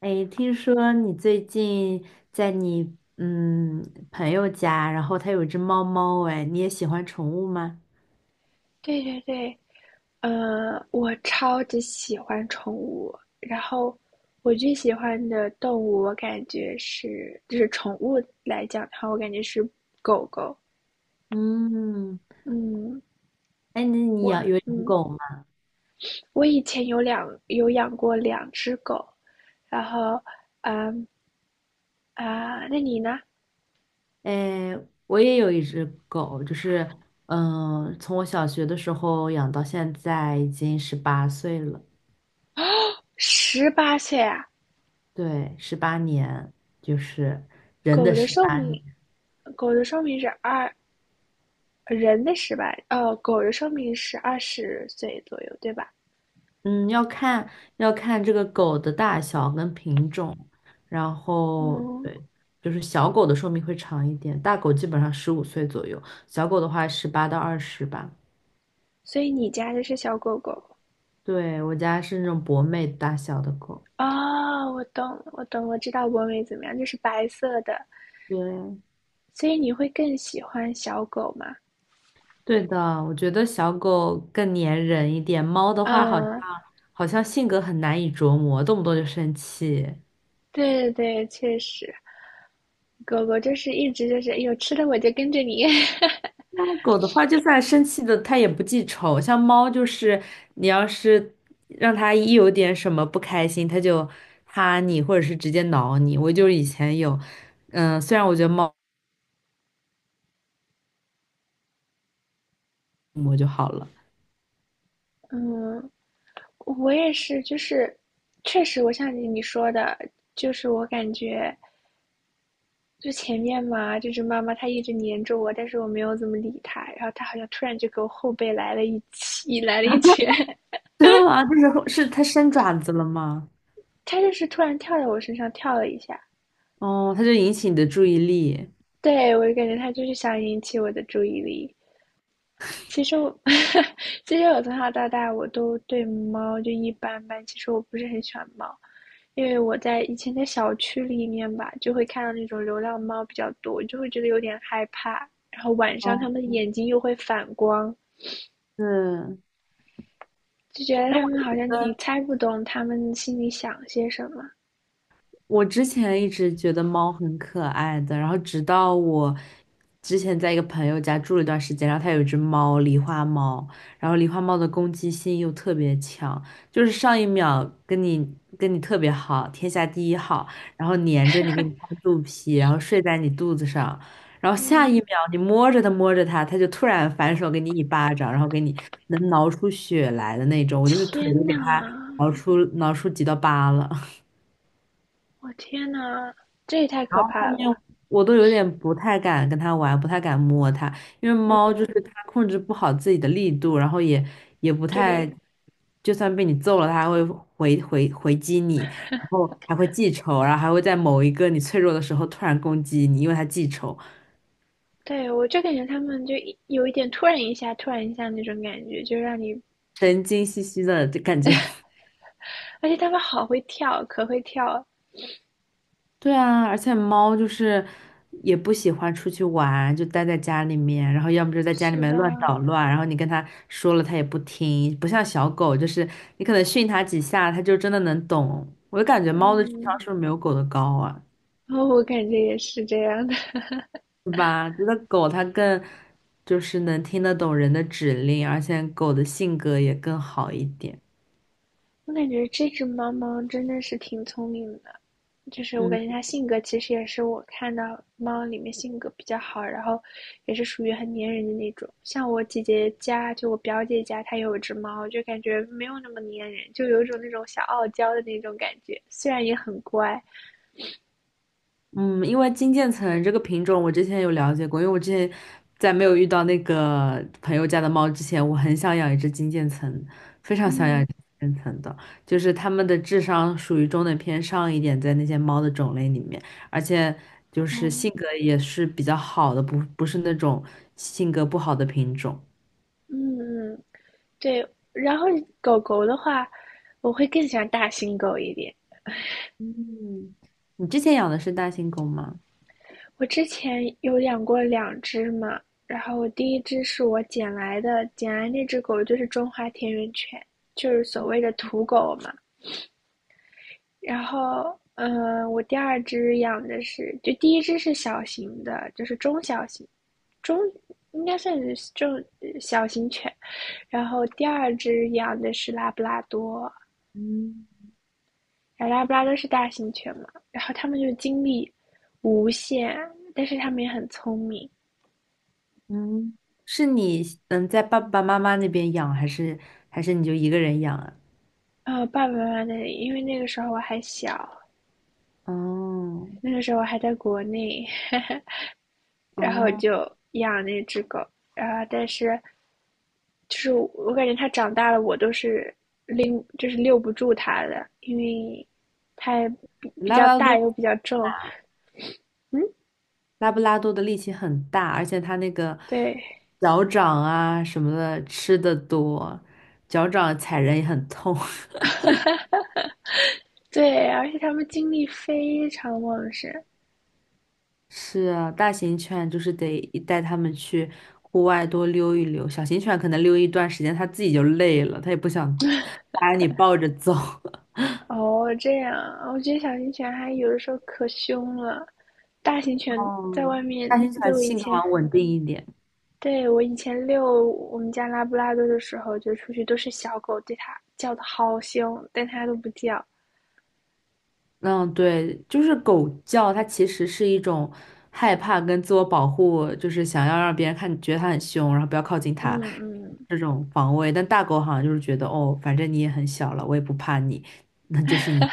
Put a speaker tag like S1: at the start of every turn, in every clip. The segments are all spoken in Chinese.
S1: 哎，听说你最近在你朋友家，然后他有一只猫猫，哎，你也喜欢宠物吗？
S2: 对对对，我超级喜欢宠物，然后我最喜欢的动物，我感觉是，就是宠物来讲的话，我感觉是狗狗。
S1: 嗯，
S2: 嗯，
S1: 哎，那你
S2: 我
S1: 有养
S2: 嗯，
S1: 狗吗？
S2: 我以前有养过两只狗，然后啊，那你呢？
S1: 哎，我也有一只狗，就是从我小学的时候养到现在，已经18岁了，
S2: 18岁啊？
S1: 对，18年，就是人
S2: 狗
S1: 的
S2: 的
S1: 十
S2: 寿
S1: 八。
S2: 命，狗的寿命是人的十八，哦，狗的寿命是20岁左右，对吧？
S1: 嗯，要看这个狗的大小跟品种，然后
S2: 嗯。
S1: 对，就是小狗的寿命会长一点，大狗基本上15岁左右，小狗的话18到20吧。
S2: 所以你家的是小狗狗
S1: 对，我家是那种博美大小的狗。
S2: 啊，我懂了我懂，我知道博美怎么样，就是白色的，
S1: 对，
S2: 所以你会更喜欢小狗吗？
S1: 对的，我觉得小狗更粘人一点，猫的话好像
S2: 嗯，
S1: 好像性格很难以琢磨，动不动就生气。
S2: 对对对，确实，狗狗就是一直就是，哎呦，吃的我就跟着你。
S1: 那狗的话，就算生气的，它也不记仇。像猫，就是你要是让它一有点什么不开心，它就哈你，或者是直接挠你。我就以前有，虽然我觉得猫我就好了。
S2: 嗯，我也是，就是确实，我像你说的，就是我感觉就前面嘛，就是妈妈她一直黏着我，但是我没有怎么理她，然后她好像突然就给我后背来了一起，来了一拳。
S1: 真的吗？就是是它伸爪子了吗？
S2: 它就是突然跳在我身上跳了一下，
S1: 哦，它就引起你的注意力。
S2: 对我就感觉它就是想引起我的注意力。其实我，其实我从小到大我都对猫就一般般。其实我不是很喜欢猫，因为我以前在小区里面吧，就会看到那种流浪猫比较多，就会觉得有点害怕。然后晚上它
S1: 哦，
S2: 们的眼睛又会反光，
S1: 是。
S2: 就觉得
S1: 哎，
S2: 它
S1: 我
S2: 们好
S1: 觉
S2: 像你
S1: 得。
S2: 猜不懂它们心里想些什么。
S1: 我之前一直觉得猫很可爱的，然后直到我之前在一个朋友家住了一段时间，然后他有一只狸花猫，然后狸花猫的攻击性又特别强，就是上一秒跟你特别好，天下第一好，然后粘着你，给你拍肚皮，然后睡在你肚子上，然后下
S2: 嗯，
S1: 一秒你摸着它摸着它，它就突然反手给你一巴掌，然后给你能挠出血来的那种，我就是腿都
S2: 天
S1: 给它
S2: 呐，
S1: 挠出几道疤了。
S2: 我天呐，这也太可
S1: 后
S2: 怕了
S1: 面
S2: 吧！
S1: 我都有点不太敢跟它玩，不太敢摸它，因为猫就
S2: 嗯，
S1: 是它控制不好自己的力度，然后也不太，
S2: 对，
S1: 就算被你揍了，它还会回击你，然后还会记仇，然后还会在某一个你脆弱的时候突然攻击你，因为它记仇，
S2: 对，我就感觉他们就一有一点突然一下，突然一下那种感觉，就让你，
S1: 神经兮兮的就感觉。
S2: 而且他们好会跳，可会跳。
S1: 对啊，而且猫就是也不喜欢出去玩，就待在家里面，然后要么就在家里
S2: 是
S1: 面
S2: 的，
S1: 乱捣乱，然后你跟它说了它也不听，不像小狗，就是你可能训它几下，它就真的能懂。我就感觉猫的智商
S2: 嗯，
S1: 是不是没有狗的高啊？
S2: 然后我感觉也是这样的。
S1: 是吧？觉得狗它更就是能听得懂人的指令，而且狗的性格也更好一点。
S2: 我感觉这只猫猫真的是挺聪明的，就是我
S1: 嗯。
S2: 感觉它性格其实也是我看到猫里面性格比较好，然后也是属于很粘人的那种。像我姐姐家，就我表姐家，她有一只猫，就感觉没有那么粘人，就有一种那种小傲娇的那种感觉，虽然也很乖。
S1: 嗯，因为金渐层这个品种我之前有了解过，因为我之前在没有遇到那个朋友家的猫之前，我很想养一只金渐层，非常想养一
S2: 嗯，
S1: 只金渐层的，就是它们的智商属于中等偏上一点，在那些猫的种类里面，而且就是性
S2: 哦，
S1: 格也是比较好的，不是那种性格不好的品种。
S2: 嗯嗯，对。然后狗狗的话，我会更喜欢大型狗一点。
S1: 嗯，你之前养的是大型狗吗？
S2: 我之前有养过两只嘛，然后我第一只是我捡来的，捡来那只狗就是中华田园犬，就是所谓的土狗嘛。然后，嗯，我第二只养的是，就第一只是小型的，就是中小型，中应该算是中小型犬。然后第二只养的是拉布拉多，
S1: 嗯
S2: 拉布拉多是大型犬嘛。然后它们就精力无限，但是它们也很聪明。
S1: 嗯，是你在爸爸妈妈那边养，还是你就一个人养啊？
S2: 爸爸妈妈那里，因为那个时候我还小，
S1: 哦
S2: 那个时候我还在国内，然后
S1: 哦，
S2: 就养那只狗，但是就是我感觉它长大了，我都是就是遛不住它的，因为它比
S1: 拉布
S2: 较
S1: 拉
S2: 大
S1: 多
S2: 又比较重，
S1: 拉布拉多的力气很大，而且它那个
S2: 对
S1: 脚掌啊什么的吃的多，脚掌踩人也很痛。
S2: 对，而且它们精力非常旺盛。
S1: 是啊，大型犬就是得带它们去户外多溜一溜，小型犬可能溜一段时间它自己就累了，它也不想 把你抱着走。
S2: 哦，这样，我觉得小型犬还有的时候可凶了，大型犬在
S1: 哦，
S2: 外面，
S1: 大型
S2: 就
S1: 犬
S2: 我以
S1: 性格
S2: 前
S1: 好像稳定一点。
S2: 对，我以前遛我们家拉布拉多的时候，就出去都是小狗对它叫的好凶，但它都不叫。
S1: 嗯，对，就是狗叫，它其实是一种害怕跟自我保护，就是想要让别人看觉得它很凶，然后不要靠近
S2: 嗯
S1: 它
S2: 嗯，
S1: 这种防卫。但大狗好像就是觉得，哦，反正你也很小了，我也不怕你，那就是你。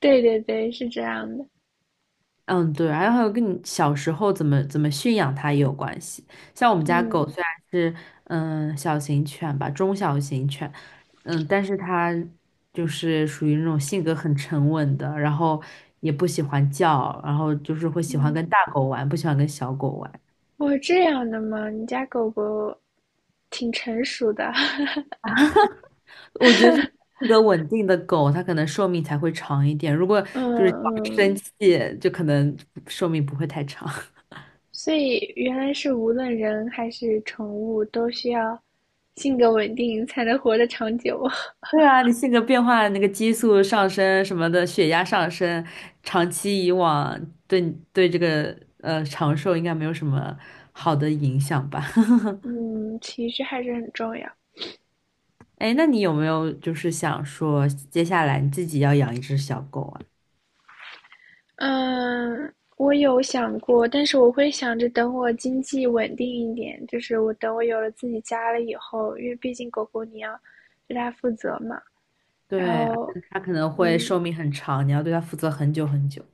S2: 对对对，是这样的。
S1: 嗯，对，然后还有跟你小时候怎么驯养它也有关系。像我们家狗
S2: 嗯
S1: 虽然是小型犬吧，中小型犬，但是它就是属于那种性格很沉稳的，然后也不喜欢叫，然后就是会喜欢
S2: 嗯，
S1: 跟大狗玩，不喜欢跟小狗玩。
S2: 哦，这样的吗？你家狗狗挺成熟的。
S1: 我觉得就是性格稳定的狗，它可能寿命才会长一点。如果
S2: 嗯
S1: 就是常生
S2: 嗯，
S1: 气，就可能寿命不会太长。
S2: 所以原来是无论人还是宠物都需要性格稳定才能活得长久。
S1: 对啊，你性格变化，那个激素上升什么的，血压上升，长期以往对你对这个长寿应该没有什么好的影响吧？
S2: 嗯，情绪还是很重要。
S1: 哎那你有没有就是想说，接下来你自己要养一只小狗啊？
S2: 嗯，我有想过，但是我会想着等我经济稳定一点，就是我等我有了自己家了以后，因为毕竟狗狗你要对它负责嘛，然
S1: 对，而且
S2: 后
S1: 它可能会
S2: 嗯，
S1: 寿命很长，你要对它负责很久很久。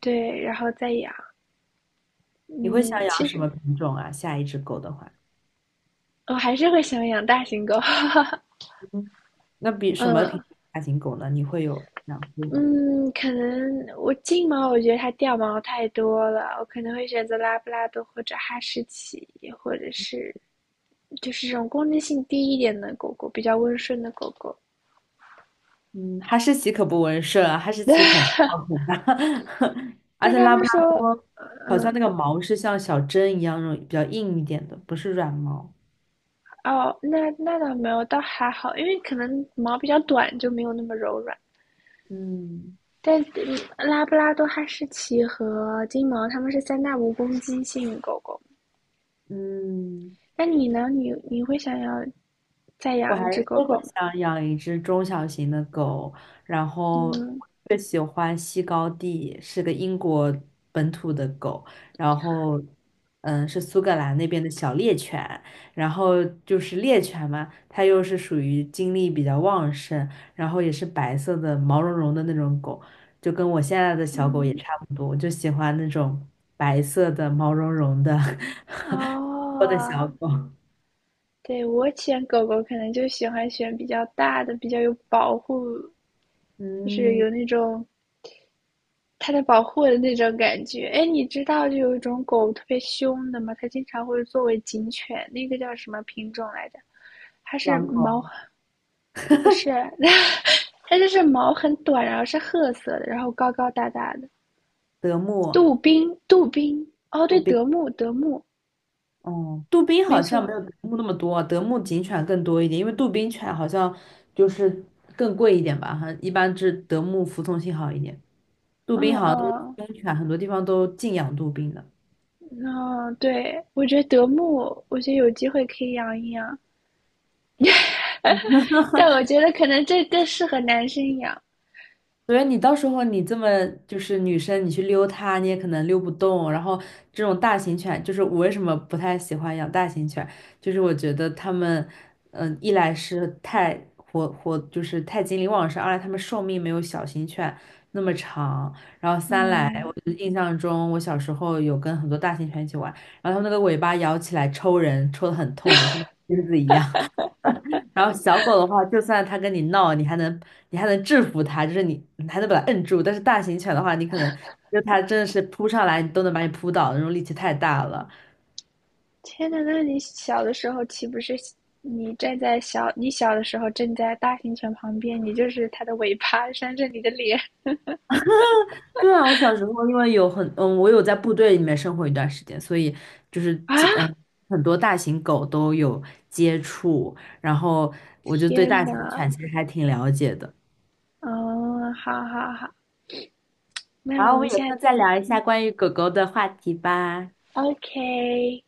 S2: 对，然后再养，
S1: 你会想
S2: 嗯，
S1: 养
S2: 其
S1: 什
S2: 实
S1: 么品种啊？下一只狗的话，
S2: 我还是会想养大型狗，
S1: 嗯，那比什么品
S2: 嗯
S1: 种大型狗呢？你会有养过吗？
S2: 嗯，可能我金毛我觉得它掉毛太多了，我可能会选择拉布拉多或者哈士奇，或者是就是这种攻击性低一点的狗狗，比较温顺的狗狗。
S1: 嗯，哈士奇可不温顺，啊。哈士奇 很靠谱的，而
S2: 但
S1: 且
S2: 他
S1: 拉
S2: 们
S1: 布拉
S2: 说，
S1: 多好像那个毛是像小针一样那种比较硬一点的，不是软毛。
S2: 哦，那倒没有，倒还好，因为可能毛比较短，就没有那么柔软。
S1: 嗯
S2: 但拉布拉多、哈士奇和金毛，它们是三大无攻击性狗狗。
S1: 嗯。
S2: 那你呢？你会想要再
S1: 我还
S2: 养一只
S1: 是
S2: 狗
S1: 会
S2: 狗吗？
S1: 想养一只中小型的狗，然后
S2: 嗯
S1: 我最喜欢西高地，是个英国本土的狗，然后是苏格兰那边的小猎犬，然后就是猎犬嘛，它又是属于精力比较旺盛，然后也是白色的毛茸茸的那种狗，就跟我现在的小狗也
S2: 嗯，
S1: 差不多，我就喜欢那种白色的毛茸茸的 我的
S2: 哦，
S1: 小狗，
S2: 对，我选狗狗可能就喜欢选比较大的，比较有保护，就是
S1: 嗯，
S2: 有那种它在保护我的那种感觉。哎，你知道就有一种狗特别凶的吗？它经常会作为警犬，那个叫什么品种来着？它是
S1: 狼
S2: 毛，
S1: 狗。
S2: 不是，它就是毛很短，然后是褐色的，然后高高大大的。
S1: 德牧、
S2: 杜宾，杜宾，哦，
S1: 杜
S2: 对，
S1: 宾，
S2: 德牧，德牧，
S1: 哦，杜宾
S2: 没
S1: 好像
S2: 错，
S1: 没有德牧那么多啊，德牧警犬更多一点，因为杜宾犬好像就是更贵一点吧，哈，一般是德牧服从性好一点，杜
S2: 嗯
S1: 宾好像都是
S2: 嗯
S1: 公犬，很多地方都禁养杜宾的。
S2: 嗯，对，我觉得德牧，我觉得有机会可以养一养，但我觉得可能这更适合男生养。
S1: 所以你到时候你这么就是女生，你去溜它，你也可能溜不动。然后这种大型犬，就是我为什么不太喜欢养大型犬，就是我觉得它们，一来是太活活，就是太精力旺盛；二来它们寿命没有小型犬那么长。然后三来，我
S2: 嗯，
S1: 就印象中我小时候有跟很多大型犬一起玩，然后它们那个尾巴摇起来抽人，抽的很痛的，像那个钉子一样。然后小狗的话，就算它跟你闹，你还能制服它，就是你还能把它摁住。但是大型犬的话，你可能就它真的是扑上来，你都能把你扑倒，那种力气太大了。
S2: 天呐，那你小的时候岂不是你小的时候站在大型犬旁边，你就是它的尾巴扇着你的脸
S1: 对啊，我小时候因为有很嗯，我有在部队里面生活一段时间，所以就是
S2: 啊！
S1: 很多大型狗都有接触，然后我就对
S2: 天
S1: 大型
S2: 呐，
S1: 犬其实还挺了解的。
S2: 嗯，好好好，那
S1: 然
S2: 我
S1: 后我
S2: 们
S1: 们有
S2: 下
S1: 空再
S2: 次
S1: 聊一下关于狗狗的话题吧。
S2: ，OK。